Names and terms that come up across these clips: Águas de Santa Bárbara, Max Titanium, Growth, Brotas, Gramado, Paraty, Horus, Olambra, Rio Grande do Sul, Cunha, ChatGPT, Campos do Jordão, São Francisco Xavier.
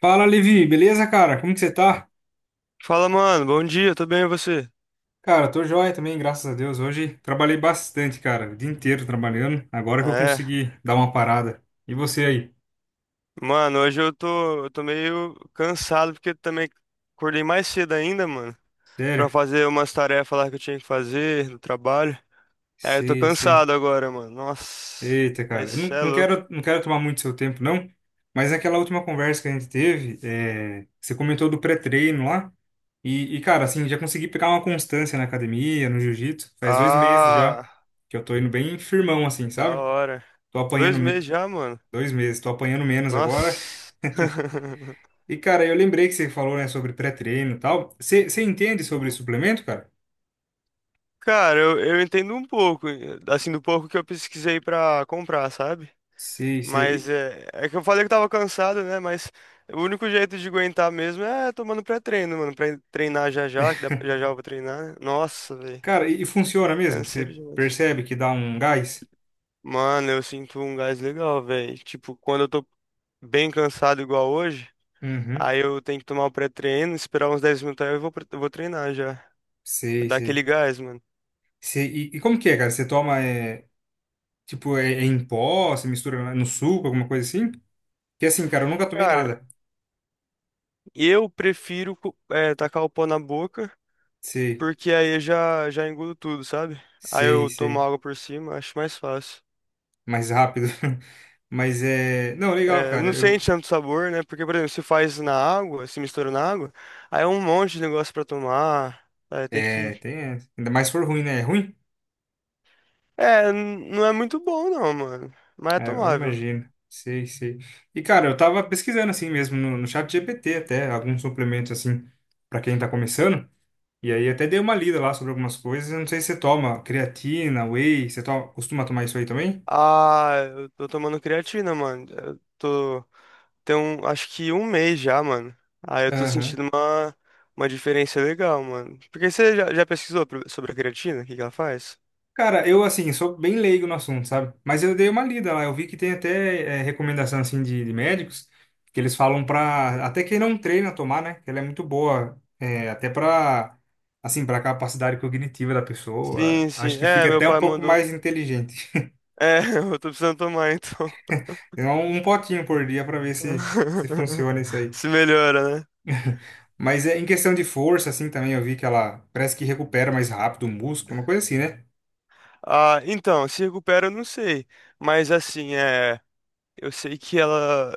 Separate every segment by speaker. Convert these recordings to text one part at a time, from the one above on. Speaker 1: Fala, Levi, beleza, cara? Como que você tá?
Speaker 2: Fala, mano. Bom dia, tudo bem e você?
Speaker 1: Cara, tô joia também, graças a Deus. Hoje trabalhei bastante, cara, o dia inteiro trabalhando. Agora que eu
Speaker 2: Ah, é.
Speaker 1: consegui dar uma parada. E você aí?
Speaker 2: Mano, hoje eu tô meio cansado porque também acordei mais cedo ainda, mano, pra
Speaker 1: Sério?
Speaker 2: fazer umas tarefas lá que eu tinha que fazer no trabalho. É, eu tô
Speaker 1: Sei, sei.
Speaker 2: cansado agora, mano. Nossa,
Speaker 1: Eita,
Speaker 2: mas
Speaker 1: cara, eu
Speaker 2: cê
Speaker 1: não,
Speaker 2: é
Speaker 1: não
Speaker 2: louco.
Speaker 1: quero, não quero tomar muito seu tempo, não. Mas aquela última conversa que a gente teve, você comentou do pré-treino lá. Cara, assim, já consegui pegar uma constância na academia, no jiu-jitsu. Faz dois meses já
Speaker 2: Ah,
Speaker 1: que eu tô indo bem firmão, assim,
Speaker 2: da
Speaker 1: sabe?
Speaker 2: hora.
Speaker 1: Tô apanhando
Speaker 2: Dois
Speaker 1: me-
Speaker 2: meses já, mano.
Speaker 1: dois meses, tô apanhando menos agora.
Speaker 2: Nossa.
Speaker 1: E, cara, eu lembrei que você falou, né, sobre pré-treino e tal. Você entende sobre suplemento, cara?
Speaker 2: Cara, eu entendo um pouco, assim, do pouco que eu pesquisei pra comprar, sabe?
Speaker 1: Sim, sim.
Speaker 2: Mas
Speaker 1: E,
Speaker 2: é que eu falei que tava cansado, né? Mas o único jeito de aguentar mesmo é tomando pré-treino, mano. Pra treinar já já, que dá, já já eu vou treinar, né? Nossa, velho.
Speaker 1: cara, e funciona mesmo?
Speaker 2: Canseiro
Speaker 1: Você
Speaker 2: demais.
Speaker 1: percebe que dá um gás?
Speaker 2: Mano, eu sinto um gás legal, velho. Tipo, quando eu tô bem cansado igual hoje,
Speaker 1: Uhum.
Speaker 2: aí eu tenho que tomar o pré-treino, esperar uns 10 minutos aí eu vou treinar já.
Speaker 1: Sei,
Speaker 2: Dá
Speaker 1: sei.
Speaker 2: aquele gás, mano.
Speaker 1: Sei, e como que é, cara? Você toma, tipo, é em pó? Você mistura no suco, alguma coisa assim? Porque assim, cara, eu nunca tomei
Speaker 2: Cara,
Speaker 1: nada.
Speaker 2: eu prefiro tacar o pó na boca,
Speaker 1: Sei,
Speaker 2: porque aí eu já engulo tudo, sabe? Aí
Speaker 1: sei,
Speaker 2: eu tomo
Speaker 1: sei.
Speaker 2: água por cima, acho mais fácil.
Speaker 1: Mais rápido. Mas é... Não, legal,
Speaker 2: É, não
Speaker 1: cara. Eu...
Speaker 2: sente tanto sabor, né? Porque, por exemplo, se faz na água, se mistura na água, aí é um monte de negócio pra tomar. É, tem
Speaker 1: É,
Speaker 2: que.
Speaker 1: tem... Ainda mais se for ruim, né? É ruim?
Speaker 2: É, não é muito bom, não, mano. Mas é
Speaker 1: É, eu
Speaker 2: tomável.
Speaker 1: imagino. Sei, sei. E, cara, eu tava pesquisando assim mesmo no, no chat GPT até, alguns suplementos assim, pra quem tá começando. E aí até dei uma lida lá sobre algumas coisas. Eu não sei se você toma creatina, whey, você toma, costuma tomar isso aí também?
Speaker 2: Ah, eu tô tomando creatina, mano. Eu tô. Tem um, acho que um mês já, mano. Aí eu tô sentindo uma diferença legal, mano. Porque você já pesquisou sobre a creatina? O que que ela faz?
Speaker 1: Cara, eu assim, sou bem leigo no assunto, sabe? Mas eu dei uma lida lá, eu vi que tem até recomendação assim de médicos que eles falam pra até quem não treina tomar, né? Que ela é muito boa, é, até pra assim, para capacidade cognitiva da pessoa.
Speaker 2: Sim, sim.
Speaker 1: Acho que fica
Speaker 2: É, meu
Speaker 1: até um
Speaker 2: pai
Speaker 1: pouco
Speaker 2: mandou.
Speaker 1: mais inteligente.
Speaker 2: É, eu tô precisando tomar, então.
Speaker 1: Então, um potinho por dia pra ver se se funciona isso aí.
Speaker 2: Se melhora, né?
Speaker 1: Mas é em questão de força assim também, eu vi que ela parece que recupera mais rápido o músculo, uma coisa assim, né?
Speaker 2: Ah, então, se recupera, eu não sei. Mas assim, é, eu sei que ela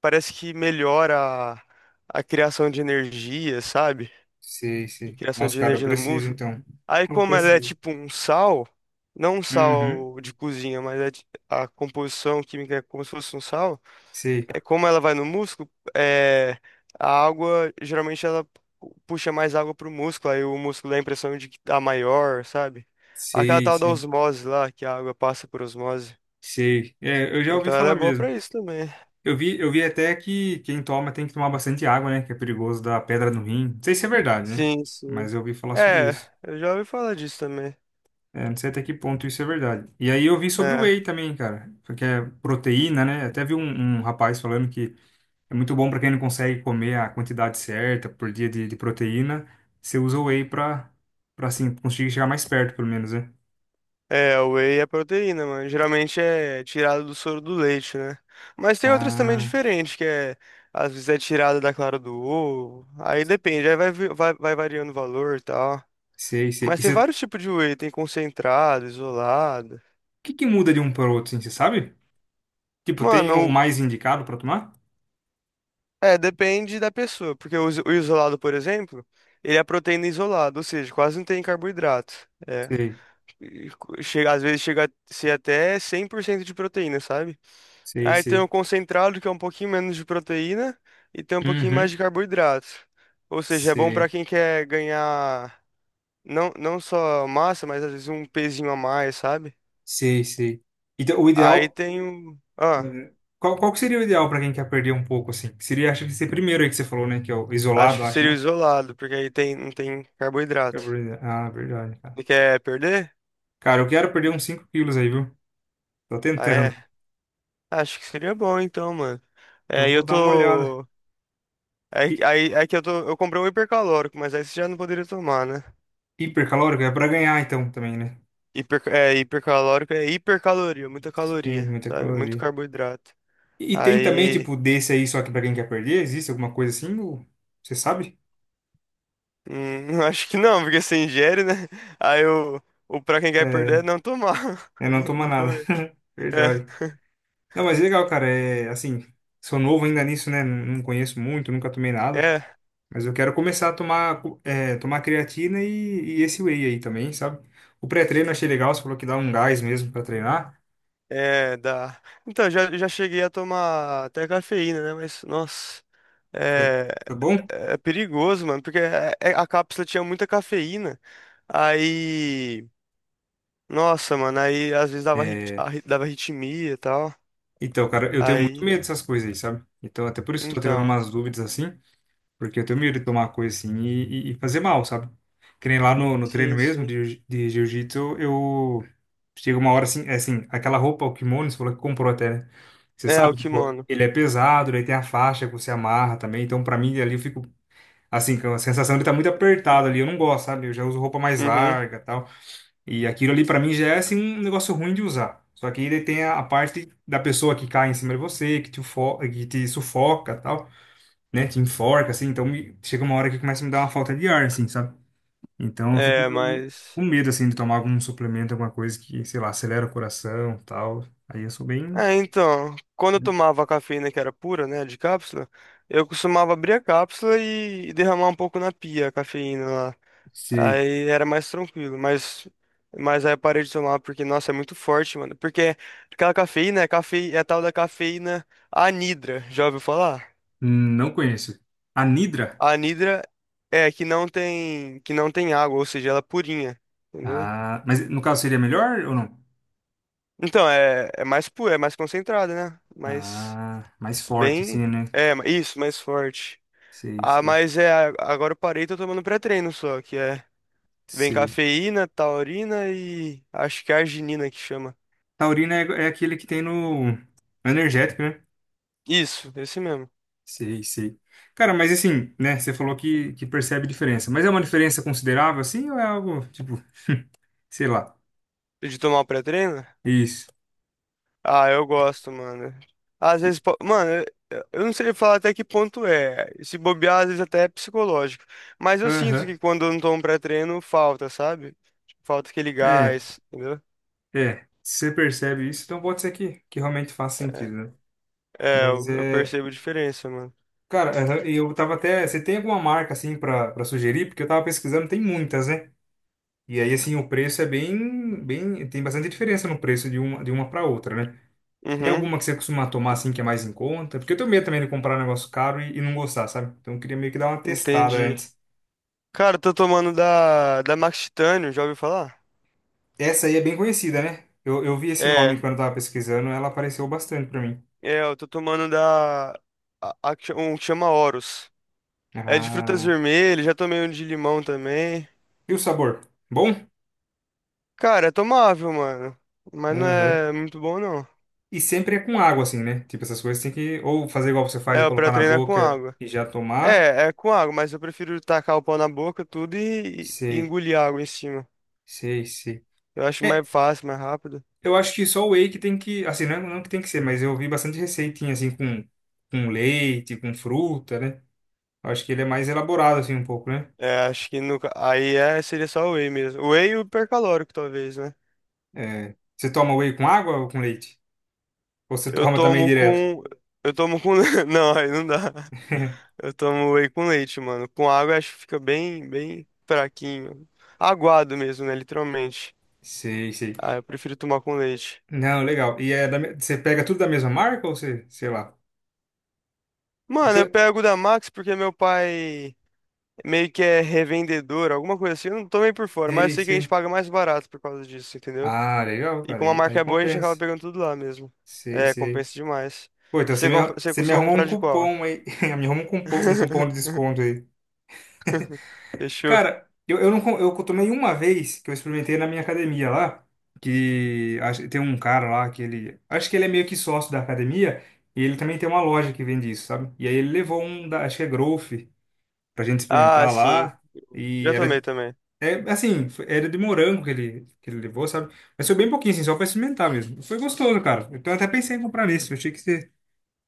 Speaker 2: parece que melhora a, a criação de energia, sabe?
Speaker 1: Sei,
Speaker 2: A
Speaker 1: sei.
Speaker 2: criação
Speaker 1: Nossa,
Speaker 2: de
Speaker 1: cara, eu
Speaker 2: energia no
Speaker 1: preciso
Speaker 2: músculo.
Speaker 1: então.
Speaker 2: Aí,
Speaker 1: Eu
Speaker 2: como ela é
Speaker 1: preciso.
Speaker 2: tipo um sal, não um
Speaker 1: Uhum.
Speaker 2: sal de cozinha, mas a composição química é como se fosse um sal,
Speaker 1: Sei,
Speaker 2: como ela vai no músculo, é, a água, geralmente ela puxa mais água pro músculo, aí o músculo dá a impressão de que tá maior, sabe? Aquela
Speaker 1: sei,
Speaker 2: tal da
Speaker 1: sei,
Speaker 2: osmose lá, que a água passa por osmose.
Speaker 1: sei. É, eu já ouvi
Speaker 2: Então ela
Speaker 1: falar
Speaker 2: é boa pra
Speaker 1: mesmo.
Speaker 2: isso também.
Speaker 1: Eu vi até que quem toma tem que tomar bastante água, né? Que é perigoso dar pedra no rim. Não sei se é verdade, né?
Speaker 2: Sim, sim.
Speaker 1: Mas eu ouvi falar sobre
Speaker 2: É,
Speaker 1: isso.
Speaker 2: eu já ouvi falar disso também.
Speaker 1: É, não sei até que ponto isso é verdade. E aí eu vi sobre o
Speaker 2: É,
Speaker 1: whey também, cara, porque é proteína, né? Até vi um, um rapaz falando que é muito bom para quem não consegue comer a quantidade certa por dia de proteína. Você usa o whey para para assim conseguir chegar mais perto, pelo menos, né?
Speaker 2: é, o whey é proteína, mano. Geralmente é tirado do soro do leite, né? Mas tem outras também
Speaker 1: Ah,
Speaker 2: diferentes, que às vezes é tirada da clara do ovo. Aí depende, aí vai variando o valor e tal.
Speaker 1: sei, sei.
Speaker 2: Mas tem vários tipos de whey, tem concentrado, isolado.
Speaker 1: Que muda de um para o outro, assim, você sabe? Tipo, tem o
Speaker 2: Mano,
Speaker 1: mais indicado para tomar?
Speaker 2: é, depende da pessoa, porque o isolado, por exemplo, ele é proteína isolada, ou seja, quase não tem carboidrato. É.
Speaker 1: Sei,
Speaker 2: E chega, às vezes chega a ser até 100% de proteína, sabe?
Speaker 1: sei,
Speaker 2: Aí tem
Speaker 1: sei.
Speaker 2: o concentrado, que é um pouquinho menos de proteína, e tem um pouquinho mais de
Speaker 1: Uhum.
Speaker 2: carboidrato. Ou seja, é bom pra
Speaker 1: Sei,
Speaker 2: quem quer ganhar não, não só massa, mas às vezes um pezinho a mais, sabe?
Speaker 1: sei, sei. Então, o
Speaker 2: Aí
Speaker 1: ideal.
Speaker 2: tem o. Ah.
Speaker 1: eh, Qual, qual que seria o ideal para quem quer perder um pouco, assim? Seria, acho que ser primeiro aí que você falou, né? Que é o
Speaker 2: Acho
Speaker 1: isolado,
Speaker 2: que
Speaker 1: acho,
Speaker 2: seria o
Speaker 1: né?
Speaker 2: isolado, porque aí tem, não tem
Speaker 1: Que é
Speaker 2: carboidrato.
Speaker 1: o primeiro. Ah, verdade, cara.
Speaker 2: Você quer perder?
Speaker 1: Cara, eu quero perder uns 5 quilos aí, viu? Tô
Speaker 2: Ah,
Speaker 1: tentando.
Speaker 2: é. Acho que seria bom então, mano. É,
Speaker 1: Eu
Speaker 2: e
Speaker 1: vou
Speaker 2: eu
Speaker 1: dar uma olhada.
Speaker 2: tô. Aí,
Speaker 1: Hi-
Speaker 2: aí que eu tô. Eu comprei um hipercalórico, mas aí você já não poderia tomar, né?
Speaker 1: Hipercalórico é para ganhar, então, também, né?
Speaker 2: Hipercalórico é hipercaloria, muita
Speaker 1: Tem
Speaker 2: caloria,
Speaker 1: muita
Speaker 2: sabe? Muito
Speaker 1: caloria.
Speaker 2: carboidrato.
Speaker 1: E tem também,
Speaker 2: Aí.
Speaker 1: tipo, desse aí, só que para quem quer perder, existe alguma coisa assim? Ou você sabe?
Speaker 2: Acho que não, porque você ingere, né? Aí o pra quem quer perder é
Speaker 1: É,
Speaker 2: não tomar.
Speaker 1: eu não
Speaker 2: Não,
Speaker 1: toma
Speaker 2: não
Speaker 1: nada.
Speaker 2: comer. É.
Speaker 1: Verdade. Não, mas é legal, cara. É assim, sou novo ainda nisso, né? Não conheço muito, nunca tomei nada.
Speaker 2: É.
Speaker 1: Mas eu quero começar a tomar, co- é, tomar creatina e esse whey aí também, sabe? O pré-treino eu achei legal, você falou que dá um gás mesmo pra treinar.
Speaker 2: É, dá. Então, já cheguei a tomar até cafeína, né? Mas, nossa,
Speaker 1: Foi,
Speaker 2: é,
Speaker 1: foi bom?
Speaker 2: é perigoso, mano, porque a cápsula tinha muita cafeína. Aí, nossa, mano, aí às vezes dava arritmia e tal.
Speaker 1: Então, cara, eu tenho muito
Speaker 2: Aí,
Speaker 1: medo dessas coisas aí, sabe? Então, até por isso que eu tô tirando
Speaker 2: então,
Speaker 1: umas dúvidas assim. Porque eu tenho medo de tomar uma coisa assim e fazer mal, sabe? Que nem lá no, no treino
Speaker 2: sim,
Speaker 1: mesmo
Speaker 2: sim.
Speaker 1: de jiu-jitsu, eu chega uma hora assim, é assim, aquela roupa, o kimono, você falou que comprou até, né? Você
Speaker 2: É, o
Speaker 1: sabe, tipo,
Speaker 2: kimono.
Speaker 1: ele é pesado, daí tem a faixa que você amarra também. Então, pra mim, ali eu fico, assim, com a sensação de estar muito apertado ali. Eu não gosto, sabe? Eu já uso roupa mais
Speaker 2: Uhum.
Speaker 1: larga e tal. E aquilo ali, pra mim, já é, assim, um negócio ruim de usar. Só que ele tem a parte da pessoa que cai em cima de você, que te, ufo- que te sufoca e tal, né, te enforca, assim, então me- chega uma hora que começa a me dar uma falta de ar, assim, sabe? Então eu fico
Speaker 2: É,
Speaker 1: meio com
Speaker 2: mas.
Speaker 1: medo, assim, de tomar algum suplemento, alguma coisa que, sei lá, acelera o coração, tal. Aí eu sou bem,
Speaker 2: É, então, quando eu tomava a cafeína que era pura, né, de cápsula, eu costumava abrir a cápsula e derramar um pouco na pia a cafeína lá.
Speaker 1: sei,
Speaker 2: Aí era mais tranquilo, mas, aí eu parei de tomar porque, nossa, é muito forte, mano. Porque aquela cafeína, é a tal da cafeína anidra, já ouviu falar?
Speaker 1: não conheço. Anidra?
Speaker 2: A anidra é que não tem água, ou seja, ela é purinha, entendeu?
Speaker 1: Ah, mas no caso seria melhor ou não?
Speaker 2: Então, é mais pura, é mais concentrada, né? Mas
Speaker 1: Ah, mais forte,
Speaker 2: bem,
Speaker 1: assim, né?
Speaker 2: isso, mais forte.
Speaker 1: Sei,
Speaker 2: Ah,
Speaker 1: sei,
Speaker 2: mas agora eu parei e tô tomando pré-treino só, que vem
Speaker 1: sei.
Speaker 2: cafeína, taurina e acho que arginina que chama.
Speaker 1: Taurina é, é aquele que tem no energético, né?
Speaker 2: Isso, esse mesmo.
Speaker 1: Sei, sei. Cara, mas assim, né? Você falou que percebe diferença, mas é uma diferença considerável, assim, ou é algo tipo sei lá.
Speaker 2: De tomar o pré-treino?
Speaker 1: Isso.
Speaker 2: Ah, eu gosto, mano. Às vezes, mano, eu não sei falar até que ponto é. Se bobear, às vezes até é psicológico. Mas eu sinto
Speaker 1: Aham.
Speaker 2: que quando eu não tomo pré-treino, falta, sabe? Tipo, falta aquele
Speaker 1: É,
Speaker 2: gás, entendeu?
Speaker 1: é. Se você percebe isso, então pode ser que realmente faz sentido,
Speaker 2: É,
Speaker 1: né?
Speaker 2: é,
Speaker 1: Mas
Speaker 2: eu
Speaker 1: é.
Speaker 2: percebo a diferença, mano.
Speaker 1: Cara, aham, e eu tava até. Você tem alguma marca assim pra, pra sugerir? Porque eu tava pesquisando, tem muitas, né? E aí, assim, o preço é bem, bem. Tem bastante diferença no preço de uma pra outra, né? Tem
Speaker 2: Uhum,
Speaker 1: alguma que você costuma tomar assim que é mais em conta? Porque eu tenho medo também de comprar um negócio caro e não gostar, sabe? Então eu queria meio que dar uma testada
Speaker 2: entendi.
Speaker 1: antes.
Speaker 2: Cara, eu tô tomando da Max Titanium, já ouviu falar?
Speaker 1: Essa aí é bem conhecida, né? Eu vi esse
Speaker 2: É,
Speaker 1: nome quando eu tava pesquisando, ela apareceu bastante pra mim.
Speaker 2: é, eu tô tomando da, a que cha- um que chama Horus. É de frutas
Speaker 1: Ah.
Speaker 2: vermelhas, já tomei um de limão também.
Speaker 1: E o sabor? Bom?
Speaker 2: Cara, é tomável, mano. Mas não
Speaker 1: Aham.
Speaker 2: é muito bom, não.
Speaker 1: E sempre é com água, assim, né? Tipo, essas coisas tem que ou fazer igual você faz e
Speaker 2: É, pra
Speaker 1: colocar na
Speaker 2: treinar com
Speaker 1: boca
Speaker 2: água.
Speaker 1: e já tomar.
Speaker 2: É com água, mas eu prefiro tacar o pau na boca, tudo e
Speaker 1: Sei,
Speaker 2: engolir água em cima.
Speaker 1: sei, sei.
Speaker 2: Eu acho mais
Speaker 1: É,
Speaker 2: fácil, mais rápido.
Speaker 1: eu acho que só o whey que tem que, assim, não, é, não é que tem que ser, mas eu vi bastante receitinha, assim, com leite, com fruta, né? Eu acho que ele é mais elaborado, assim, um pouco, né?
Speaker 2: É, acho que no, ca- aí seria só o whey mesmo. O whey e o hipercalórico, talvez, né?
Speaker 1: É. Você toma whey com água ou com leite? Ou você
Speaker 2: Eu
Speaker 1: toma também
Speaker 2: tomo
Speaker 1: direto?
Speaker 2: com. Eu tomo com. Não, aí não dá. Eu tomo whey com leite, mano. Com água eu acho que fica bem, bem fraquinho. Aguado mesmo, né? Literalmente.
Speaker 1: Sei, sei.
Speaker 2: Ah, eu prefiro tomar com leite.
Speaker 1: Não, legal. E é da, me- você pega tudo da mesma marca ou você, sei lá? É que
Speaker 2: Mano, eu
Speaker 1: eu-
Speaker 2: pego da Max porque meu pai meio que é revendedor, alguma coisa assim. Eu não tô meio por fora, mas eu
Speaker 1: Sei,
Speaker 2: sei que a gente
Speaker 1: sei.
Speaker 2: paga mais barato por causa disso, entendeu?
Speaker 1: Ah, legal,
Speaker 2: E
Speaker 1: cara.
Speaker 2: como a
Speaker 1: Aí,
Speaker 2: marca
Speaker 1: aí
Speaker 2: é boa, a gente acaba
Speaker 1: compensa.
Speaker 2: pegando tudo lá mesmo.
Speaker 1: Sei,
Speaker 2: É,
Speaker 1: sei.
Speaker 2: compensa demais.
Speaker 1: Pô, então
Speaker 2: Você compra, você
Speaker 1: você me
Speaker 2: costuma
Speaker 1: arruma um
Speaker 2: comprar de qual?
Speaker 1: cupom aí. Me arruma um cupom de desconto aí.
Speaker 2: Fechou.
Speaker 1: Cara, eu não com- eu tomei uma vez que eu experimentei na minha academia lá, que acho- tem um cara lá que ele. Acho que ele é meio que sócio da academia, e ele também tem uma loja que vende isso, sabe? E aí ele levou um da, acho que é Growth, pra gente
Speaker 2: Ah,
Speaker 1: experimentar
Speaker 2: sim.
Speaker 1: lá. E
Speaker 2: Já tomei
Speaker 1: era
Speaker 2: também.
Speaker 1: é, assim, foi- era de morango que ele levou, sabe? Mas foi bem pouquinho, assim, só pra experimentar mesmo. Foi gostoso, cara. Então eu até pensei em comprar nesse. Eu achei que você,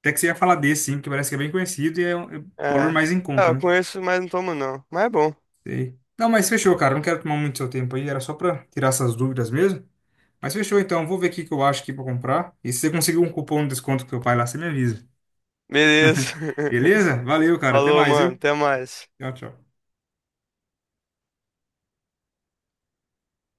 Speaker 1: até que você ia falar desse, sim, que parece que é bem conhecido e é um valor
Speaker 2: É.
Speaker 1: mais em
Speaker 2: Ah,
Speaker 1: conta,
Speaker 2: eu
Speaker 1: né?
Speaker 2: conheço, mas não tomo não. Mas é bom.
Speaker 1: Sei. Não, mas fechou, cara. Não quero tomar muito seu tempo aí. Era só pra tirar essas dúvidas mesmo. Mas fechou, então. Vou ver o que que eu acho aqui pra comprar. E se você conseguir um cupom de desconto com seu pai lá, você me avisa.
Speaker 2: Beleza.
Speaker 1: Beleza? Valeu, cara. Até
Speaker 2: Falou,
Speaker 1: mais,
Speaker 2: mano.
Speaker 1: viu?
Speaker 2: Até mais.
Speaker 1: Tchau, tchau.